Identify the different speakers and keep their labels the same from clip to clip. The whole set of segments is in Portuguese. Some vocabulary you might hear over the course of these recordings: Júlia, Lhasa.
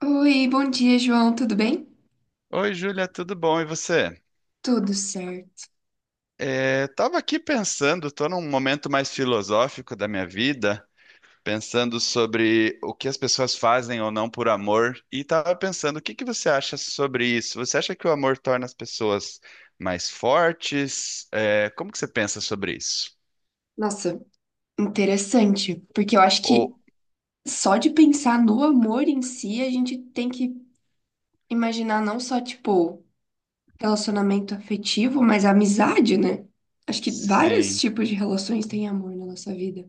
Speaker 1: Oi, bom dia, João. Tudo bem?
Speaker 2: Oi, Júlia, tudo bom? E você?
Speaker 1: Tudo certo.
Speaker 2: É, tava aqui pensando, tô num momento mais filosófico da minha vida, pensando sobre o que as pessoas fazem ou não por amor, e tava pensando, o que que você acha sobre isso? Você acha que o amor torna as pessoas mais fortes? É, como que você pensa sobre isso?
Speaker 1: Nossa, interessante, porque eu acho que
Speaker 2: Ou,
Speaker 1: só de pensar no amor em si, a gente tem que imaginar não só, tipo, relacionamento afetivo, mas amizade, né? Acho que vários
Speaker 2: sim.
Speaker 1: tipos de relações têm amor na nossa vida.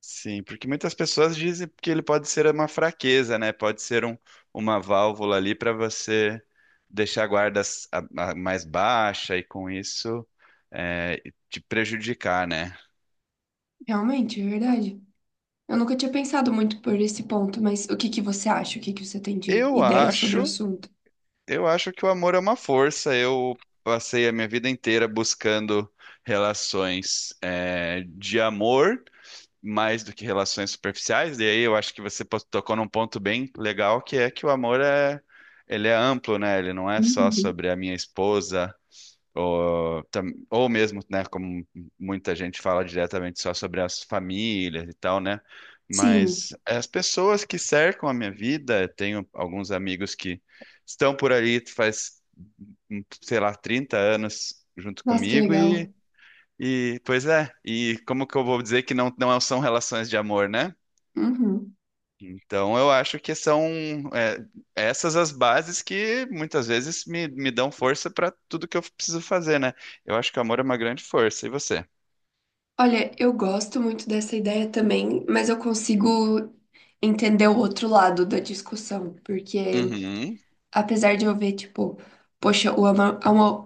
Speaker 2: Sim, porque muitas pessoas dizem que ele pode ser uma fraqueza, né? Pode ser uma válvula ali para você deixar a guarda mais baixa e com isso é, te prejudicar, né?
Speaker 1: Realmente, é verdade. Eu nunca tinha pensado muito por esse ponto, mas o que que você acha? O que que você tem de
Speaker 2: Eu
Speaker 1: ideia sobre o
Speaker 2: acho,
Speaker 1: assunto?
Speaker 2: eu acho que o amor é uma força. Eu passei a minha vida inteira buscando relações de amor. Mais do que relações superficiais, e aí eu acho que você tocou num ponto bem legal, que é que o amor ele é amplo, né? Ele não é só
Speaker 1: Uhum.
Speaker 2: sobre a minha esposa, ou, tam- ou mesmo, né, como muita gente fala diretamente, só sobre as famílias e tal, né?
Speaker 1: Sim.
Speaker 2: Mas as pessoas que cercam a minha vida, eu tenho alguns amigos que estão por ali faz, sei lá, 30 anos junto
Speaker 1: Nossa, que
Speaker 2: comigo
Speaker 1: legal.
Speaker 2: pois é, e como que eu vou dizer que não, não são relações de amor, né?
Speaker 1: Uhum.
Speaker 2: Então eu acho que são é, essas as bases que muitas vezes me dão força para tudo que eu preciso fazer, né? Eu acho que o amor é uma grande força. E você?
Speaker 1: Olha, eu gosto muito dessa ideia também, mas eu consigo entender o outro lado da discussão, porque
Speaker 2: Uhum,
Speaker 1: apesar de eu ver, tipo, poxa,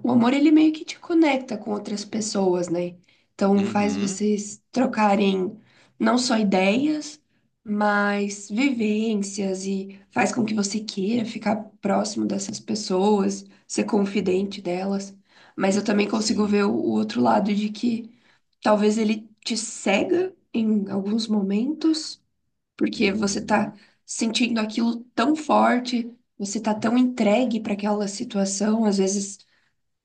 Speaker 1: o amor ele meio que te conecta com outras pessoas, né? Então faz
Speaker 2: uhum,
Speaker 1: vocês trocarem não só ideias, mas vivências e faz com que você queira ficar próximo dessas pessoas, ser
Speaker 2: uhum,
Speaker 1: confidente delas. Mas eu também consigo
Speaker 2: sim,
Speaker 1: ver o outro lado de que talvez ele te cega em alguns momentos porque você tá
Speaker 2: uhum,
Speaker 1: sentindo aquilo tão forte, você tá tão entregue para aquela situação,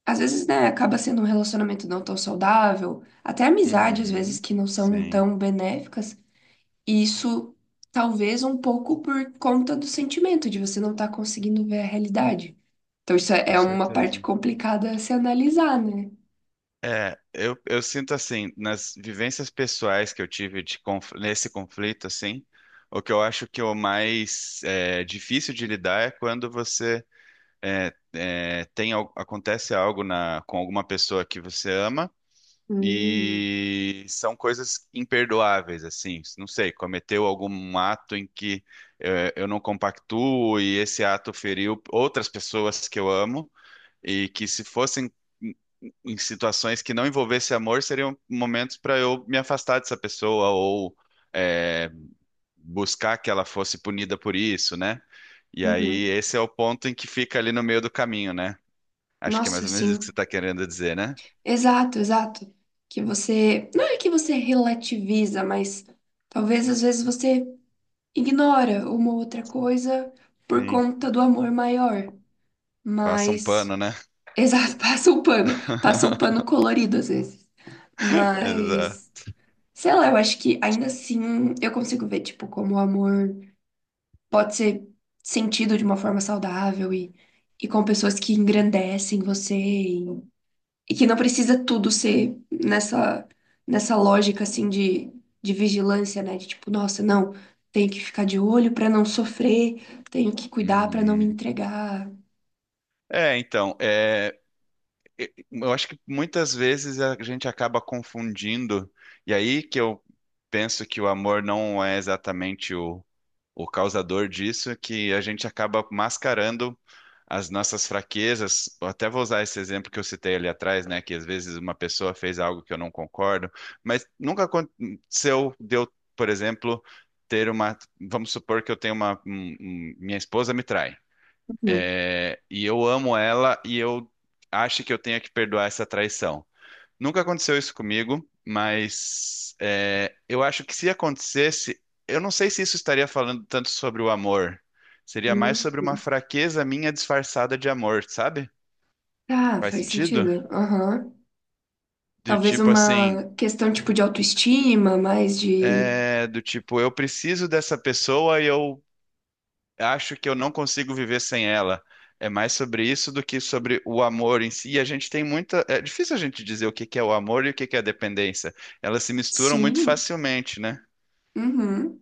Speaker 1: às vezes, né, acaba sendo um relacionamento não tão saudável, até amizade às vezes
Speaker 2: uhum,
Speaker 1: que não são
Speaker 2: sim,
Speaker 1: tão benéficas, e isso talvez um pouco por conta do sentimento de você não estar conseguindo ver a realidade. Então isso é
Speaker 2: com
Speaker 1: é uma parte
Speaker 2: certeza.
Speaker 1: complicada a se analisar, né?
Speaker 2: É, eu sinto assim, nas vivências pessoais que eu tive de nesse conflito, assim, o que eu acho que o mais difícil de lidar é quando você acontece algo na, com alguma pessoa que você ama
Speaker 1: Hum.
Speaker 2: e são coisas imperdoáveis, assim, não sei, cometeu algum ato em que eu não compactuo e esse ato feriu outras pessoas que eu amo. E que se fossem em em situações que não envolvesse amor, seriam momentos para eu me afastar dessa pessoa ou é, buscar que ela fosse punida por isso, né? E aí
Speaker 1: Uhum.
Speaker 2: esse é o ponto em que fica ali no meio do caminho, né? Acho que é mais
Speaker 1: Nossa,
Speaker 2: ou menos isso que você
Speaker 1: sim.
Speaker 2: está querendo dizer, né?
Speaker 1: Exato, exato. Que você, não é que você relativiza, mas talvez às vezes você ignora uma outra coisa por
Speaker 2: Sim,
Speaker 1: conta do amor maior.
Speaker 2: passa um
Speaker 1: Mas,
Speaker 2: pano, né?
Speaker 1: exato, passa um pano colorido às vezes. Mas,
Speaker 2: Exato.
Speaker 1: sei lá, eu acho que ainda assim eu consigo ver, tipo, como o amor pode ser sentido de uma forma saudável e com pessoas que engrandecem você. E que não precisa tudo ser nessa, nessa lógica assim de vigilância, né? De tipo, nossa, não, tenho que ficar de olho pra não sofrer, tenho que cuidar pra não me
Speaker 2: Uhum.
Speaker 1: entregar.
Speaker 2: É, então. Eu acho que muitas vezes a gente acaba confundindo, e aí que eu penso que o amor não é exatamente o causador disso, que a gente acaba mascarando as nossas fraquezas. Eu até vou usar esse exemplo que eu citei ali atrás, né? Que às vezes uma pessoa fez algo que eu não concordo, mas nunca aconteceu de eu, por exemplo, ter uma. Vamos supor que eu tenho uma. Minha esposa me trai. É, e eu amo ela e eu acho que eu tenho que perdoar essa traição. Nunca aconteceu isso comigo, mas eu acho que se acontecesse, eu não sei se isso estaria falando tanto sobre o amor. Seria mais sobre
Speaker 1: Uhum.
Speaker 2: uma fraqueza minha disfarçada de amor, sabe?
Speaker 1: Tá,
Speaker 2: Faz
Speaker 1: faz
Speaker 2: sentido?
Speaker 1: sentido. Aham.
Speaker 2: Do
Speaker 1: Talvez
Speaker 2: tipo assim,
Speaker 1: uma questão tipo de autoestima, mais de.
Speaker 2: é, do tipo, eu preciso dessa pessoa e eu acho que eu não consigo viver sem ela. É mais sobre isso do que sobre o amor em si. E a gente tem muita. É difícil a gente dizer o que que é o amor e o que que é a dependência. Elas se misturam muito
Speaker 1: Sim.
Speaker 2: facilmente, né?
Speaker 1: Uhum.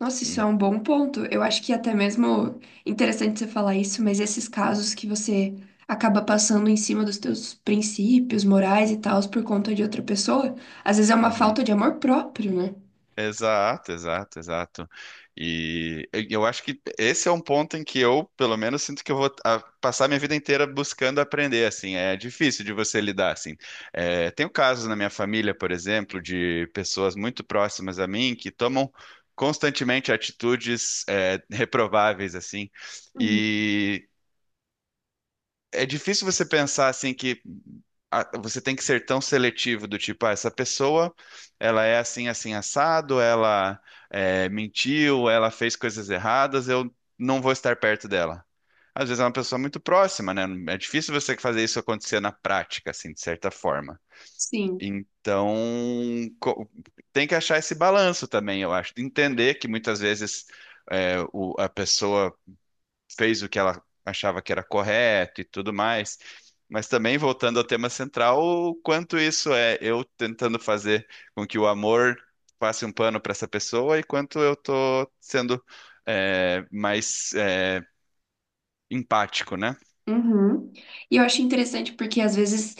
Speaker 1: Nossa, isso é um bom ponto. Eu acho que é até mesmo interessante você falar isso, mas esses casos que você acaba passando em cima dos teus princípios morais e tals por conta de outra pessoa, às vezes é uma
Speaker 2: Uhum.
Speaker 1: falta de amor próprio, né?
Speaker 2: Exato, exato, exato. E eu acho que esse é um ponto em que eu, pelo menos, sinto que eu vou passar minha vida inteira buscando aprender, assim. É difícil de você lidar, assim. É, tenho casos na minha família, por exemplo, de pessoas muito próximas a mim que tomam constantemente atitudes, reprováveis, assim.
Speaker 1: Hum.
Speaker 2: E é difícil você pensar, assim, que você tem que ser tão seletivo do tipo, ah, essa pessoa, ela é assim, assim, assado, ela mentiu, ela fez coisas erradas, eu não vou estar perto dela. Às vezes é uma pessoa muito próxima, né? É difícil você fazer isso acontecer na prática, assim, de certa forma.
Speaker 1: Sim.
Speaker 2: Então, co- tem que achar esse balanço também, eu acho. Entender que muitas vezes a pessoa fez o que ela achava que era correto e tudo mais. Mas também, voltando ao tema central, o quanto isso é eu tentando fazer com que o amor passe um pano para essa pessoa e quanto eu tô sendo mais empático, né?
Speaker 1: Uhum. E eu acho interessante porque às vezes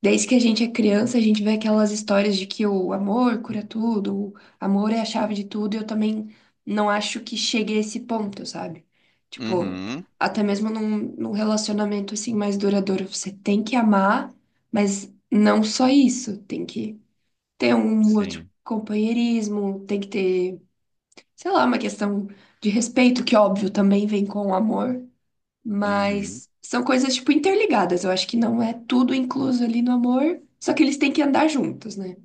Speaker 1: desde que a gente é criança, a gente vê aquelas histórias de que o amor cura tudo, o amor é a chave de tudo, e eu também não acho que chegue a esse ponto, sabe? Tipo,
Speaker 2: Uhum,
Speaker 1: até mesmo num relacionamento assim mais duradouro, você tem que amar, mas não só isso, tem que ter um outro
Speaker 2: sim.
Speaker 1: companheirismo, tem que ter, sei lá, uma questão de respeito, que óbvio também vem com o amor.
Speaker 2: Uhum.
Speaker 1: Mas são coisas, tipo, interligadas. Eu acho que não é tudo incluso ali no amor, só que eles têm que andar juntos, né?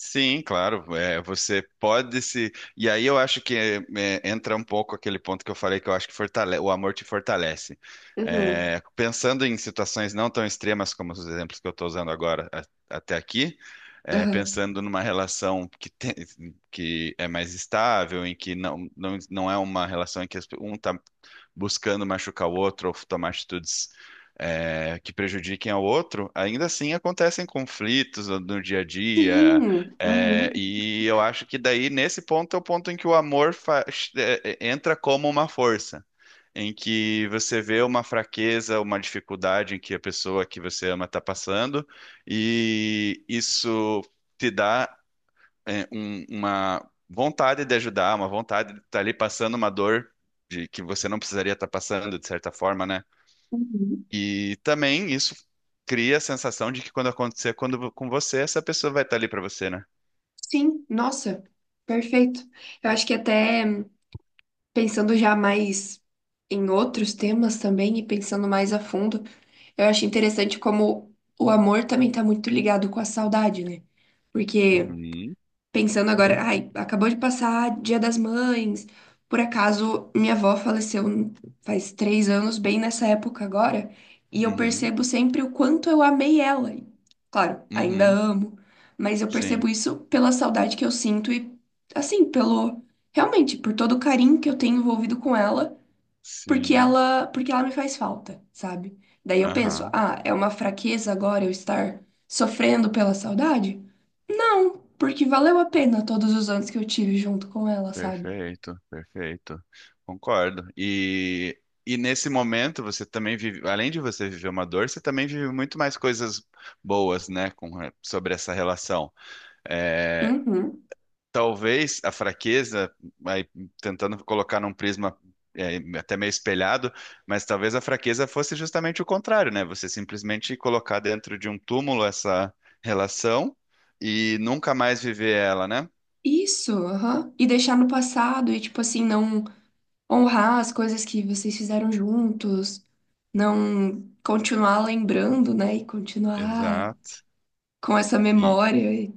Speaker 2: Sim, claro. É, você pode se. E aí eu acho que entra um pouco aquele ponto que eu falei que eu acho que o amor te fortalece.
Speaker 1: Uhum.
Speaker 2: É, pensando em situações não tão extremas como os exemplos que eu estou usando agora até aqui, é,
Speaker 1: Aham.
Speaker 2: pensando numa relação que, que é mais estável, em que não, não, não é uma relação em que as um está buscando machucar o outro ou tomar atitudes que prejudiquem ao outro, ainda assim acontecem conflitos no dia a dia.
Speaker 1: Sim.
Speaker 2: É,
Speaker 1: Uhum.
Speaker 2: e eu acho que daí, nesse ponto, é o ponto em que o amor entra como uma força. Em que você vê uma fraqueza, uma dificuldade em que a pessoa que você ama está passando, e isso te dá uma vontade de ajudar, uma vontade de estar ali passando uma dor de que você não precisaria estar passando, de certa forma, né?
Speaker 1: Uhum.
Speaker 2: E também isso cria a sensação de que quando acontecer com você, essa pessoa vai estar ali para você, né?
Speaker 1: Sim, nossa, perfeito. Eu acho que até pensando já mais em outros temas também e pensando mais a fundo, eu acho interessante como o amor também tá muito ligado com a saudade, né? Porque
Speaker 2: Uhum,
Speaker 1: pensando agora, ai, acabou de passar Dia das Mães. Por acaso, minha avó faleceu faz 3 anos, bem nessa época agora, e eu
Speaker 2: uhum,
Speaker 1: percebo sempre o quanto eu amei ela. E claro, ainda
Speaker 2: uhum,
Speaker 1: amo, mas eu percebo
Speaker 2: sim,
Speaker 1: isso pela saudade que eu sinto e, assim, pelo, realmente, por todo o carinho que eu tenho envolvido com ela, porque
Speaker 2: sim,
Speaker 1: ela, porque ela me faz falta, sabe? Daí eu penso,
Speaker 2: aham.
Speaker 1: ah, é uma fraqueza agora eu estar sofrendo pela saudade? Não, porque valeu a pena todos os anos que eu tive junto com ela, sabe?
Speaker 2: Perfeito, perfeito. Concordo. E nesse momento você também vive, além de você viver uma dor, você também vive muito mais coisas boas, né, com, sobre essa relação. É,
Speaker 1: Uhum.
Speaker 2: talvez a fraqueza, aí, tentando colocar num prisma até meio espelhado, mas talvez a fraqueza fosse justamente o contrário, né? Você simplesmente colocar dentro de um túmulo essa relação e nunca mais viver ela, né?
Speaker 1: Isso, aham. E deixar no passado e, tipo assim, não honrar as coisas que vocês fizeram juntos, não continuar lembrando, né? E continuar
Speaker 2: Exato.
Speaker 1: com essa
Speaker 2: E,
Speaker 1: memória e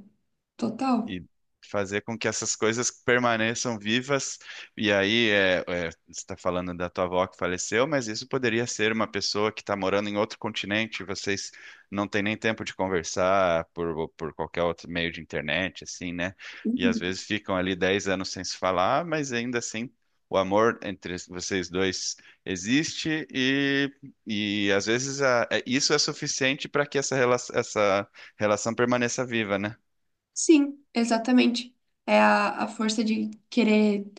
Speaker 1: total.
Speaker 2: e fazer com que essas coisas permaneçam vivas. E aí, você está falando da tua avó que faleceu, mas isso poderia ser uma pessoa que está morando em outro continente, vocês não têm nem tempo de conversar por qualquer outro meio de internet, assim, né? E às vezes ficam ali 10 anos sem se falar, mas ainda assim. O amor entre vocês dois existe e às vezes isso é suficiente para que essa relação permaneça viva, né?
Speaker 1: Sim, exatamente. É a força de querer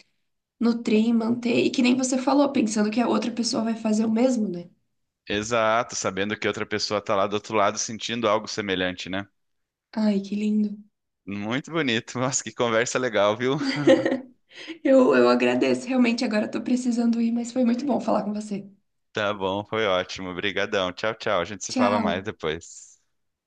Speaker 1: nutrir, manter, e que nem você falou, pensando que a outra pessoa vai fazer o mesmo, né?
Speaker 2: Exato, sabendo que outra pessoa tá lá do outro lado sentindo algo semelhante, né?
Speaker 1: Ai, que lindo.
Speaker 2: Muito bonito. Nossa, que conversa legal, viu?
Speaker 1: Eu agradeço, realmente agora eu tô precisando ir, mas foi muito bom falar com você.
Speaker 2: Tá bom, foi ótimo. Obrigadão. Tchau, tchau. A gente se fala mais
Speaker 1: Tchau.
Speaker 2: depois.